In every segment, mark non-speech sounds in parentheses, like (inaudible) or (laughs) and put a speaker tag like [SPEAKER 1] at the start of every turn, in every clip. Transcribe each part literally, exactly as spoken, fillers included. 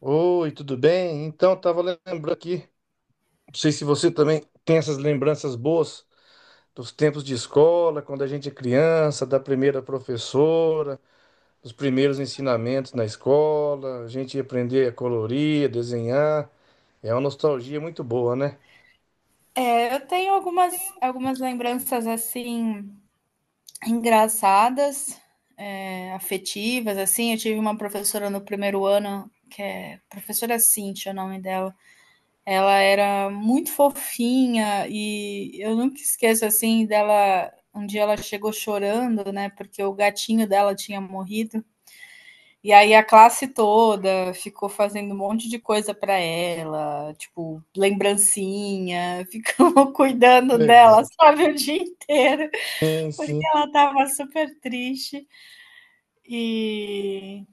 [SPEAKER 1] Oi, tudo bem? Então, estava lembrando aqui, não sei se você também tem essas lembranças boas dos tempos de escola, quando a gente é criança, da primeira professora, dos primeiros ensinamentos na escola, a gente ia aprender a colorir, a desenhar. É uma nostalgia muito boa, né?
[SPEAKER 2] É, eu tenho algumas, algumas lembranças assim engraçadas, é, afetivas, assim. Eu tive uma professora no primeiro ano, que é professora Cíntia, o nome dela. Ela era muito fofinha e eu nunca esqueço assim dela. Um dia ela chegou chorando, né? Porque o gatinho dela tinha morrido. E aí a classe toda ficou fazendo um monte de coisa para ela, tipo, lembrancinha, (laughs) ficou cuidando dela,
[SPEAKER 1] Legal.
[SPEAKER 2] sabe, o dia inteiro,
[SPEAKER 1] Sim,
[SPEAKER 2] porque
[SPEAKER 1] sim.
[SPEAKER 2] ela estava super triste. E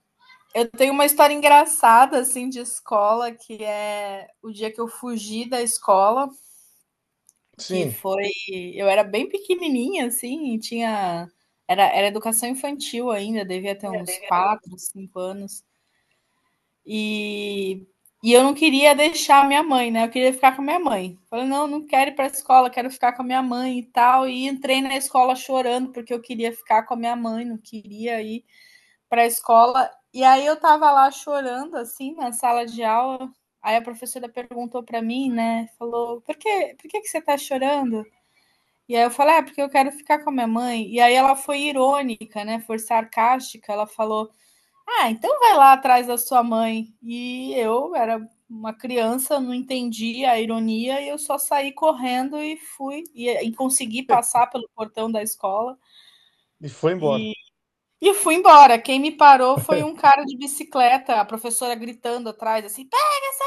[SPEAKER 2] eu tenho uma história engraçada assim de escola, que é o dia que eu fugi da escola, que
[SPEAKER 1] Sim.
[SPEAKER 2] foi, eu era bem pequenininha assim, e tinha era, era educação infantil ainda, devia ter uns quatro cinco anos. E, e eu não queria deixar minha mãe, né? Eu queria ficar com a minha mãe. Falei, não, não quero ir para a escola, quero ficar com a minha mãe e tal. E entrei na escola chorando, porque eu queria ficar com a minha mãe, não queria ir para a escola. E aí eu tava lá chorando, assim, na sala de aula. Aí a professora perguntou para mim, né? Falou, por, que por que, que você tá chorando? E aí eu falei, é ah, porque eu quero ficar com a minha mãe. E aí ela foi irônica, né? Foi sarcástica. Ela falou, ah, então vai lá atrás da sua mãe. E eu era uma criança, não entendi a ironia e eu só saí correndo e fui e, e consegui passar pelo portão da escola
[SPEAKER 1] E foi embora.
[SPEAKER 2] e, e fui embora. Quem me parou foi um
[SPEAKER 1] (laughs)
[SPEAKER 2] cara de bicicleta, a professora gritando atrás assim: "Pega essa!"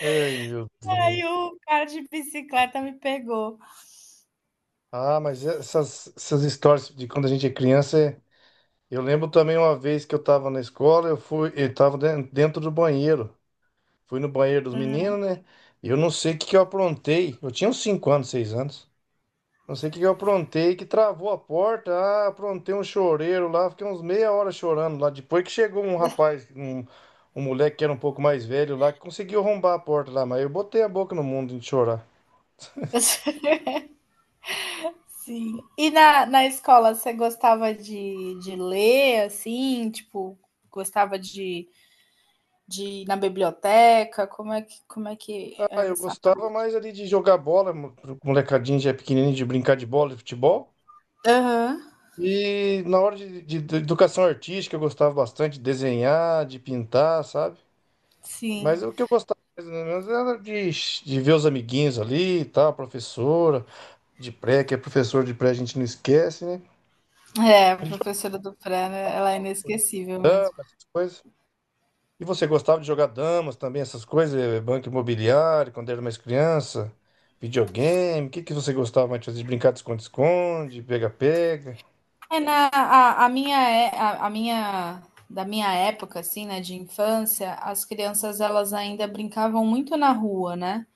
[SPEAKER 1] Ai, meu
[SPEAKER 2] Aí
[SPEAKER 1] Deus.
[SPEAKER 2] o cara de bicicleta me pegou.
[SPEAKER 1] Ah, mas essas, essas histórias de quando a gente é criança Eu lembro também uma vez que eu tava na escola, eu fui, eu tava den- dentro do banheiro. Fui no banheiro dos
[SPEAKER 2] Uhum.
[SPEAKER 1] meninos, né? E eu não sei o que que eu aprontei. Eu tinha uns cinco anos, seis anos. Não sei o que que eu aprontei, que travou a porta. Ah, aprontei um choreiro lá, fiquei uns meia hora chorando lá. Depois que chegou um rapaz, um, um moleque que era um pouco mais velho lá, que conseguiu arrombar a porta lá, mas eu botei a boca no mundo de chorar.
[SPEAKER 2] (laughs) Sim. E na, na escola você gostava de, de ler assim, tipo, gostava de de ir na biblioteca? Como é que, como é que
[SPEAKER 1] Ah,
[SPEAKER 2] era
[SPEAKER 1] eu
[SPEAKER 2] essa
[SPEAKER 1] gostava
[SPEAKER 2] parte?
[SPEAKER 1] mais ali de jogar bola, mo- molecadinho já pequenininho, de brincar de bola, de futebol.
[SPEAKER 2] Aham,
[SPEAKER 1] E na hora de, de- de educação artística, eu gostava bastante de desenhar, de pintar, sabe? Mas
[SPEAKER 2] sim.
[SPEAKER 1] é o que eu gostava mais ou menos era de, de ver os amiguinhos ali e tal, a professora de pré, que é professor de pré, a gente não esquece, né?
[SPEAKER 2] É, a professora do pré, né, ela é inesquecível mesmo.
[SPEAKER 1] Essas coisas. E você gostava de jogar damas também, essas coisas, eh, banco imobiliário, quando era mais criança, videogame, o que que você gostava mais de fazer? De brincar de esconde-esconde, pega-pega?
[SPEAKER 2] É, na, a, a minha, é- a, a minha, da minha época, assim, né, de infância, as crianças, elas ainda brincavam muito na rua, né?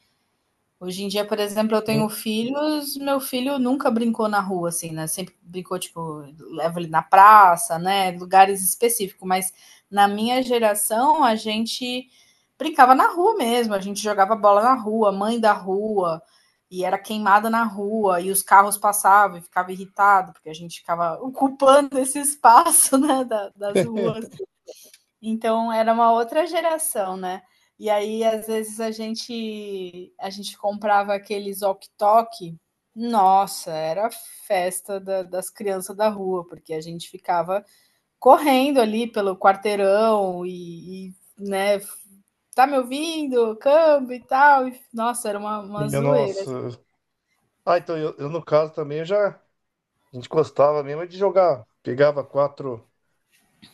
[SPEAKER 2] Hoje em dia, por exemplo, eu tenho
[SPEAKER 1] Sim.
[SPEAKER 2] filhos, meu filho nunca brincou na rua, assim, né? Sempre brincou, tipo, leva ele na praça, né? Lugares específicos, mas na minha geração a gente brincava na rua mesmo, a gente jogava bola na rua, mãe da rua, e era queimada na rua, e os carros passavam e ficava irritado, porque a gente ficava ocupando esse espaço, (laughs) né, da- das ruas,
[SPEAKER 1] (laughs)
[SPEAKER 2] então era uma outra geração, né. E aí às vezes a gente a gente comprava aqueles walkie-talkie, nossa, era a festa da das crianças da rua, porque a gente ficava correndo ali pelo quarteirão e e, né, "Tá me ouvindo? Câmbio e tal", e nossa, era uma
[SPEAKER 1] E,
[SPEAKER 2] uma
[SPEAKER 1] eu,
[SPEAKER 2] zoeira.
[SPEAKER 1] nossa. Ah, então eu, eu, no caso também eu já. A gente gostava mesmo é de jogar. Pegava quatro,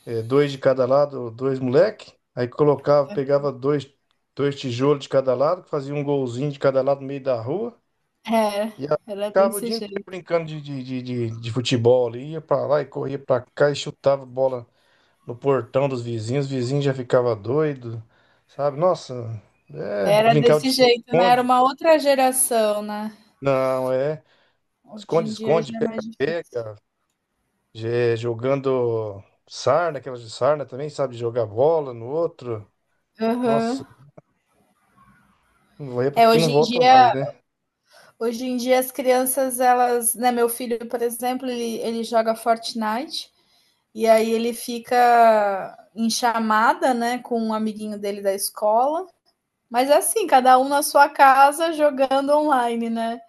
[SPEAKER 1] eh, dois de cada lado, dois moleque. Aí colocava, pegava dois, dois tijolos de cada lado, fazia um golzinho de cada lado no meio da rua.
[SPEAKER 2] É,
[SPEAKER 1] E aí
[SPEAKER 2] era
[SPEAKER 1] ficava o
[SPEAKER 2] desse
[SPEAKER 1] dia inteiro
[SPEAKER 2] jeito.
[SPEAKER 1] brincando de, de, de, de, de futebol ali. Ia pra lá e corria pra cá e chutava bola no portão dos vizinhos. Os vizinhos já ficava doido, sabe? Nossa, é,
[SPEAKER 2] Era
[SPEAKER 1] brincava de
[SPEAKER 2] desse jeito, né, era
[SPEAKER 1] esconde-esconde.
[SPEAKER 2] uma outra geração, né.
[SPEAKER 1] Não, é.
[SPEAKER 2] Hoje em dia
[SPEAKER 1] Esconde-esconde,
[SPEAKER 2] já é mais difícil.
[SPEAKER 1] pega-pega. Je- Jogando sarna, aquelas de sarna também, sabe? Jogar bola no outro.
[SPEAKER 2] Aham.
[SPEAKER 1] Nossa, não vai porque
[SPEAKER 2] É,
[SPEAKER 1] que não
[SPEAKER 2] hoje em
[SPEAKER 1] volta
[SPEAKER 2] dia
[SPEAKER 1] mais, né?
[SPEAKER 2] Hoje em dia as crianças, elas, né, meu filho, por exemplo, ele, ele joga Fortnite e aí ele fica em chamada, né, com um amiguinho dele da escola. Mas é assim, cada um na sua casa jogando online, né?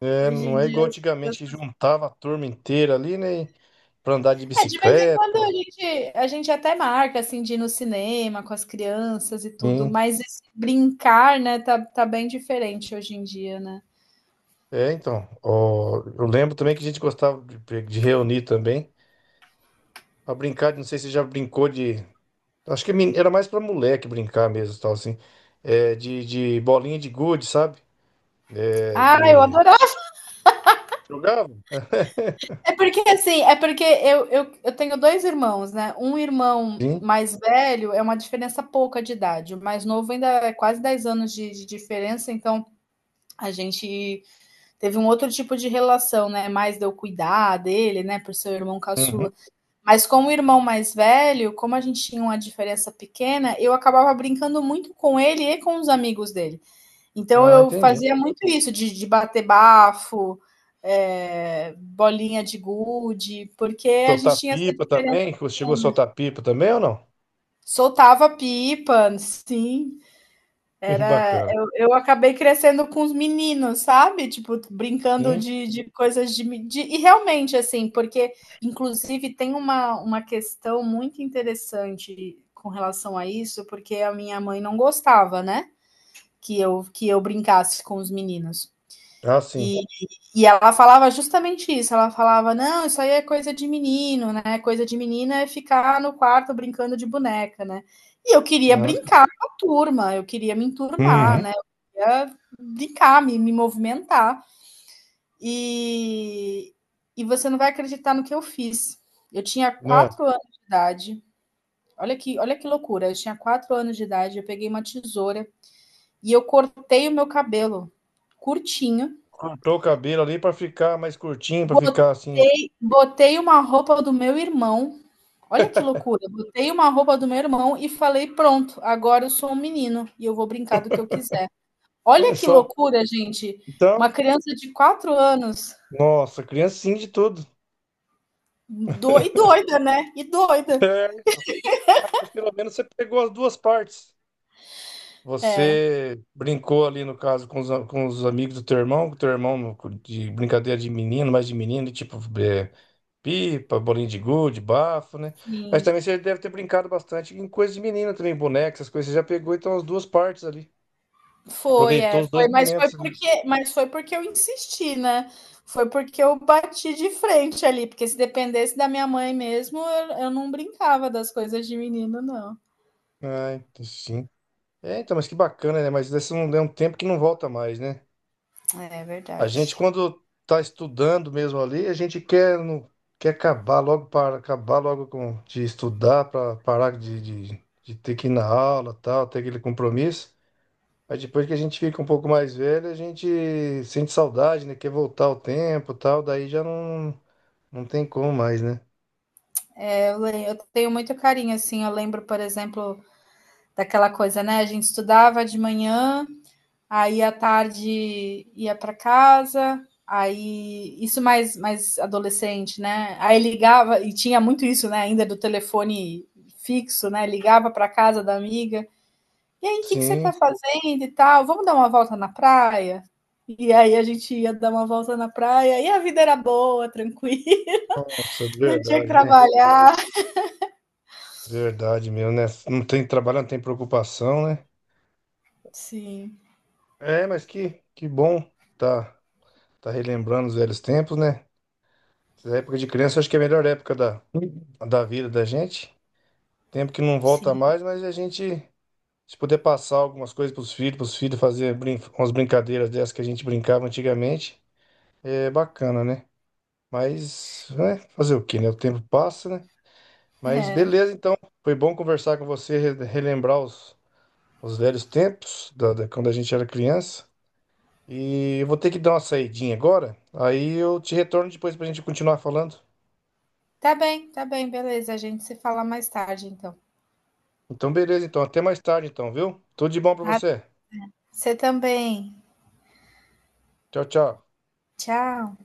[SPEAKER 1] É,
[SPEAKER 2] Hoje
[SPEAKER 1] não
[SPEAKER 2] em
[SPEAKER 1] é
[SPEAKER 2] dia
[SPEAKER 1] igual
[SPEAKER 2] as
[SPEAKER 1] antigamente que
[SPEAKER 2] crianças...
[SPEAKER 1] juntava a turma inteira ali, né? Pra andar de
[SPEAKER 2] É, de vez em quando
[SPEAKER 1] bicicleta.
[SPEAKER 2] a gente, a gente até marca, assim, de ir no cinema com as crianças e tudo,
[SPEAKER 1] Sim.
[SPEAKER 2] mas esse brincar, né, tá, tá bem diferente hoje em dia, né?
[SPEAKER 1] É, então. Ó, eu lembro também que a gente gostava de, de reunir também. Pra brincar, de- não sei se você já brincou de. Acho que é men- era mais pra moleque brincar mesmo, tal, assim. É, de, de bolinha de gude, sabe? É,
[SPEAKER 2] Ah, eu
[SPEAKER 1] de.
[SPEAKER 2] adoro.
[SPEAKER 1] Jogava? (laughs)
[SPEAKER 2] É porque assim, é porque eu, eu, eu tenho dois irmãos, né? Um irmão
[SPEAKER 1] Sim.
[SPEAKER 2] mais velho é uma diferença pouca de idade, o mais novo ainda é quase dez anos de, de diferença, então a gente teve um outro tipo de relação, né? Mais de eu cuidar dele, né? Por ser o irmão
[SPEAKER 1] Uhum.
[SPEAKER 2] caçula. Mas com o irmão mais velho, como a gente tinha uma diferença pequena, eu acabava brincando muito com ele e com os amigos dele. Então
[SPEAKER 1] Ah,
[SPEAKER 2] eu
[SPEAKER 1] entendi.
[SPEAKER 2] fazia muito isso de de bater bafo, eh, bolinha de gude, porque a gente
[SPEAKER 1] Soltar
[SPEAKER 2] tinha essa
[SPEAKER 1] pipa
[SPEAKER 2] diferença.
[SPEAKER 1] também? Você chegou a soltar pipa também ou não?
[SPEAKER 2] Soltava pipa, sim.
[SPEAKER 1] (laughs) Bacana.
[SPEAKER 2] Eu eu acabei crescendo com os meninos, sabe, tipo, brincando
[SPEAKER 1] Sim.
[SPEAKER 2] de de coisas de de e realmente, assim, porque inclusive tem uma uma questão muito interessante com relação a isso, porque a minha mãe não gostava, né, que eu que eu brincasse com os meninos.
[SPEAKER 1] Ah, sim.
[SPEAKER 2] E, e ela falava justamente isso. Ela falava: não, isso aí é coisa de menino, né? Coisa de menina é ficar no quarto brincando de boneca, né? E eu queria
[SPEAKER 1] Ah, sim.
[SPEAKER 2] brincar com a turma, eu queria me enturmar,
[SPEAKER 1] Uhum.
[SPEAKER 2] né? Eu queria brincar, me, me movimentar. E, e você não vai acreditar no que eu fiz. Eu tinha
[SPEAKER 1] Né?
[SPEAKER 2] quatro anos de idade. Olha que, olha que loucura. Eu tinha quatro anos de idade. Eu peguei uma tesoura e eu cortei o meu cabelo curtinho.
[SPEAKER 1] Cortou o cabelo ali para ficar mais curtinho, para ficar assim.
[SPEAKER 2] Botei, botei uma roupa do meu irmão. Olha que loucura. Botei uma roupa do meu irmão e falei: pronto, agora eu sou um menino e eu vou brincar do que eu quiser. Olha
[SPEAKER 1] Olha
[SPEAKER 2] que
[SPEAKER 1] só.
[SPEAKER 2] loucura, gente. Uma
[SPEAKER 1] Então,
[SPEAKER 2] criança de quatro anos.
[SPEAKER 1] nossa, criancinha de tudo.
[SPEAKER 2] Do, e doida, né? E doida.
[SPEAKER 1] É, mas pelo menos você pegou as duas partes.
[SPEAKER 2] É,
[SPEAKER 1] Você brincou ali, no caso, com os, a- com os amigos do teu irmão, com o teu irmão no- de brincadeira de menino, mais de menino, tipo, é, pipa, bolinho de gude, bafo, né? Mas
[SPEAKER 2] sim.
[SPEAKER 1] também você deve ter brincado bastante em coisas de menina também, boneca, essas coisas. Você já pegou então as duas partes ali.
[SPEAKER 2] Foi,
[SPEAKER 1] Aproveitou
[SPEAKER 2] é,
[SPEAKER 1] os dois
[SPEAKER 2] foi, mas foi
[SPEAKER 1] momentos ali.
[SPEAKER 2] porque, mas foi porque eu insisti, né? Foi porque eu bati de frente ali, porque se dependesse da minha mãe mesmo, eu, eu não brincava das coisas de menino, não.
[SPEAKER 1] Ah, então sim. É, então, mas que bacana, né? Mas esse não é um tempo que não volta mais, né?
[SPEAKER 2] É
[SPEAKER 1] A gente,
[SPEAKER 2] verdade.
[SPEAKER 1] quando tá estudando mesmo ali, a gente quer, não, quer acabar logo para acabar logo com, de estudar, para parar de, de, de ter que ir na aula, tal, ter aquele compromisso. Mas depois que a gente fica um pouco mais velho, a gente sente saudade, né? Quer voltar o tempo, e tal, daí já não, não tem como mais, né?
[SPEAKER 2] Eu, le- eu tenho muito carinho, assim. Eu lembro, por exemplo, daquela coisa, né? A gente estudava de manhã, aí à tarde ia para casa, aí isso mais, mais adolescente, né? Aí ligava, e tinha muito isso, né? Ainda do telefone fixo, né? Ligava para casa da amiga. E aí, o que que você
[SPEAKER 1] Sim,
[SPEAKER 2] está fazendo e tal? Vamos dar uma volta na praia? E aí a gente ia dar uma volta na praia e a vida era boa, tranquila,
[SPEAKER 1] nossa,
[SPEAKER 2] (laughs) não tinha que
[SPEAKER 1] verdade, né?
[SPEAKER 2] trabalhar.
[SPEAKER 1] Verdade mesmo, né? Não tem trabalho, não tem preocupação, né?
[SPEAKER 2] Sim,
[SPEAKER 1] É, mas que, que bom tá, tá relembrando os velhos tempos, né? Essa época de criança, eu acho que é a melhor época da, da vida da gente. Tempo que não volta
[SPEAKER 2] sim.
[SPEAKER 1] mais, mas a gente, se puder passar algumas coisas pros filhos, pros filhos fazer brin umas brincadeiras dessas que a gente brincava antigamente, é bacana, né? Mas, né? Fazer o quê, né? O tempo passa, né? Mas
[SPEAKER 2] É.
[SPEAKER 1] beleza, então. Foi bom conversar com você, re- relembrar os, os velhos tempos, da, da- quando a gente era criança. E eu vou ter que dar uma saidinha agora. Aí eu te retorno depois pra gente continuar falando.
[SPEAKER 2] Tá bem, tá bem, beleza. A gente se fala mais tarde, então.
[SPEAKER 1] Então, beleza, então. Até mais tarde, então, viu? Tudo de bom pra
[SPEAKER 2] Ah,
[SPEAKER 1] você.
[SPEAKER 2] você também.
[SPEAKER 1] Tchau, tchau.
[SPEAKER 2] Tchau.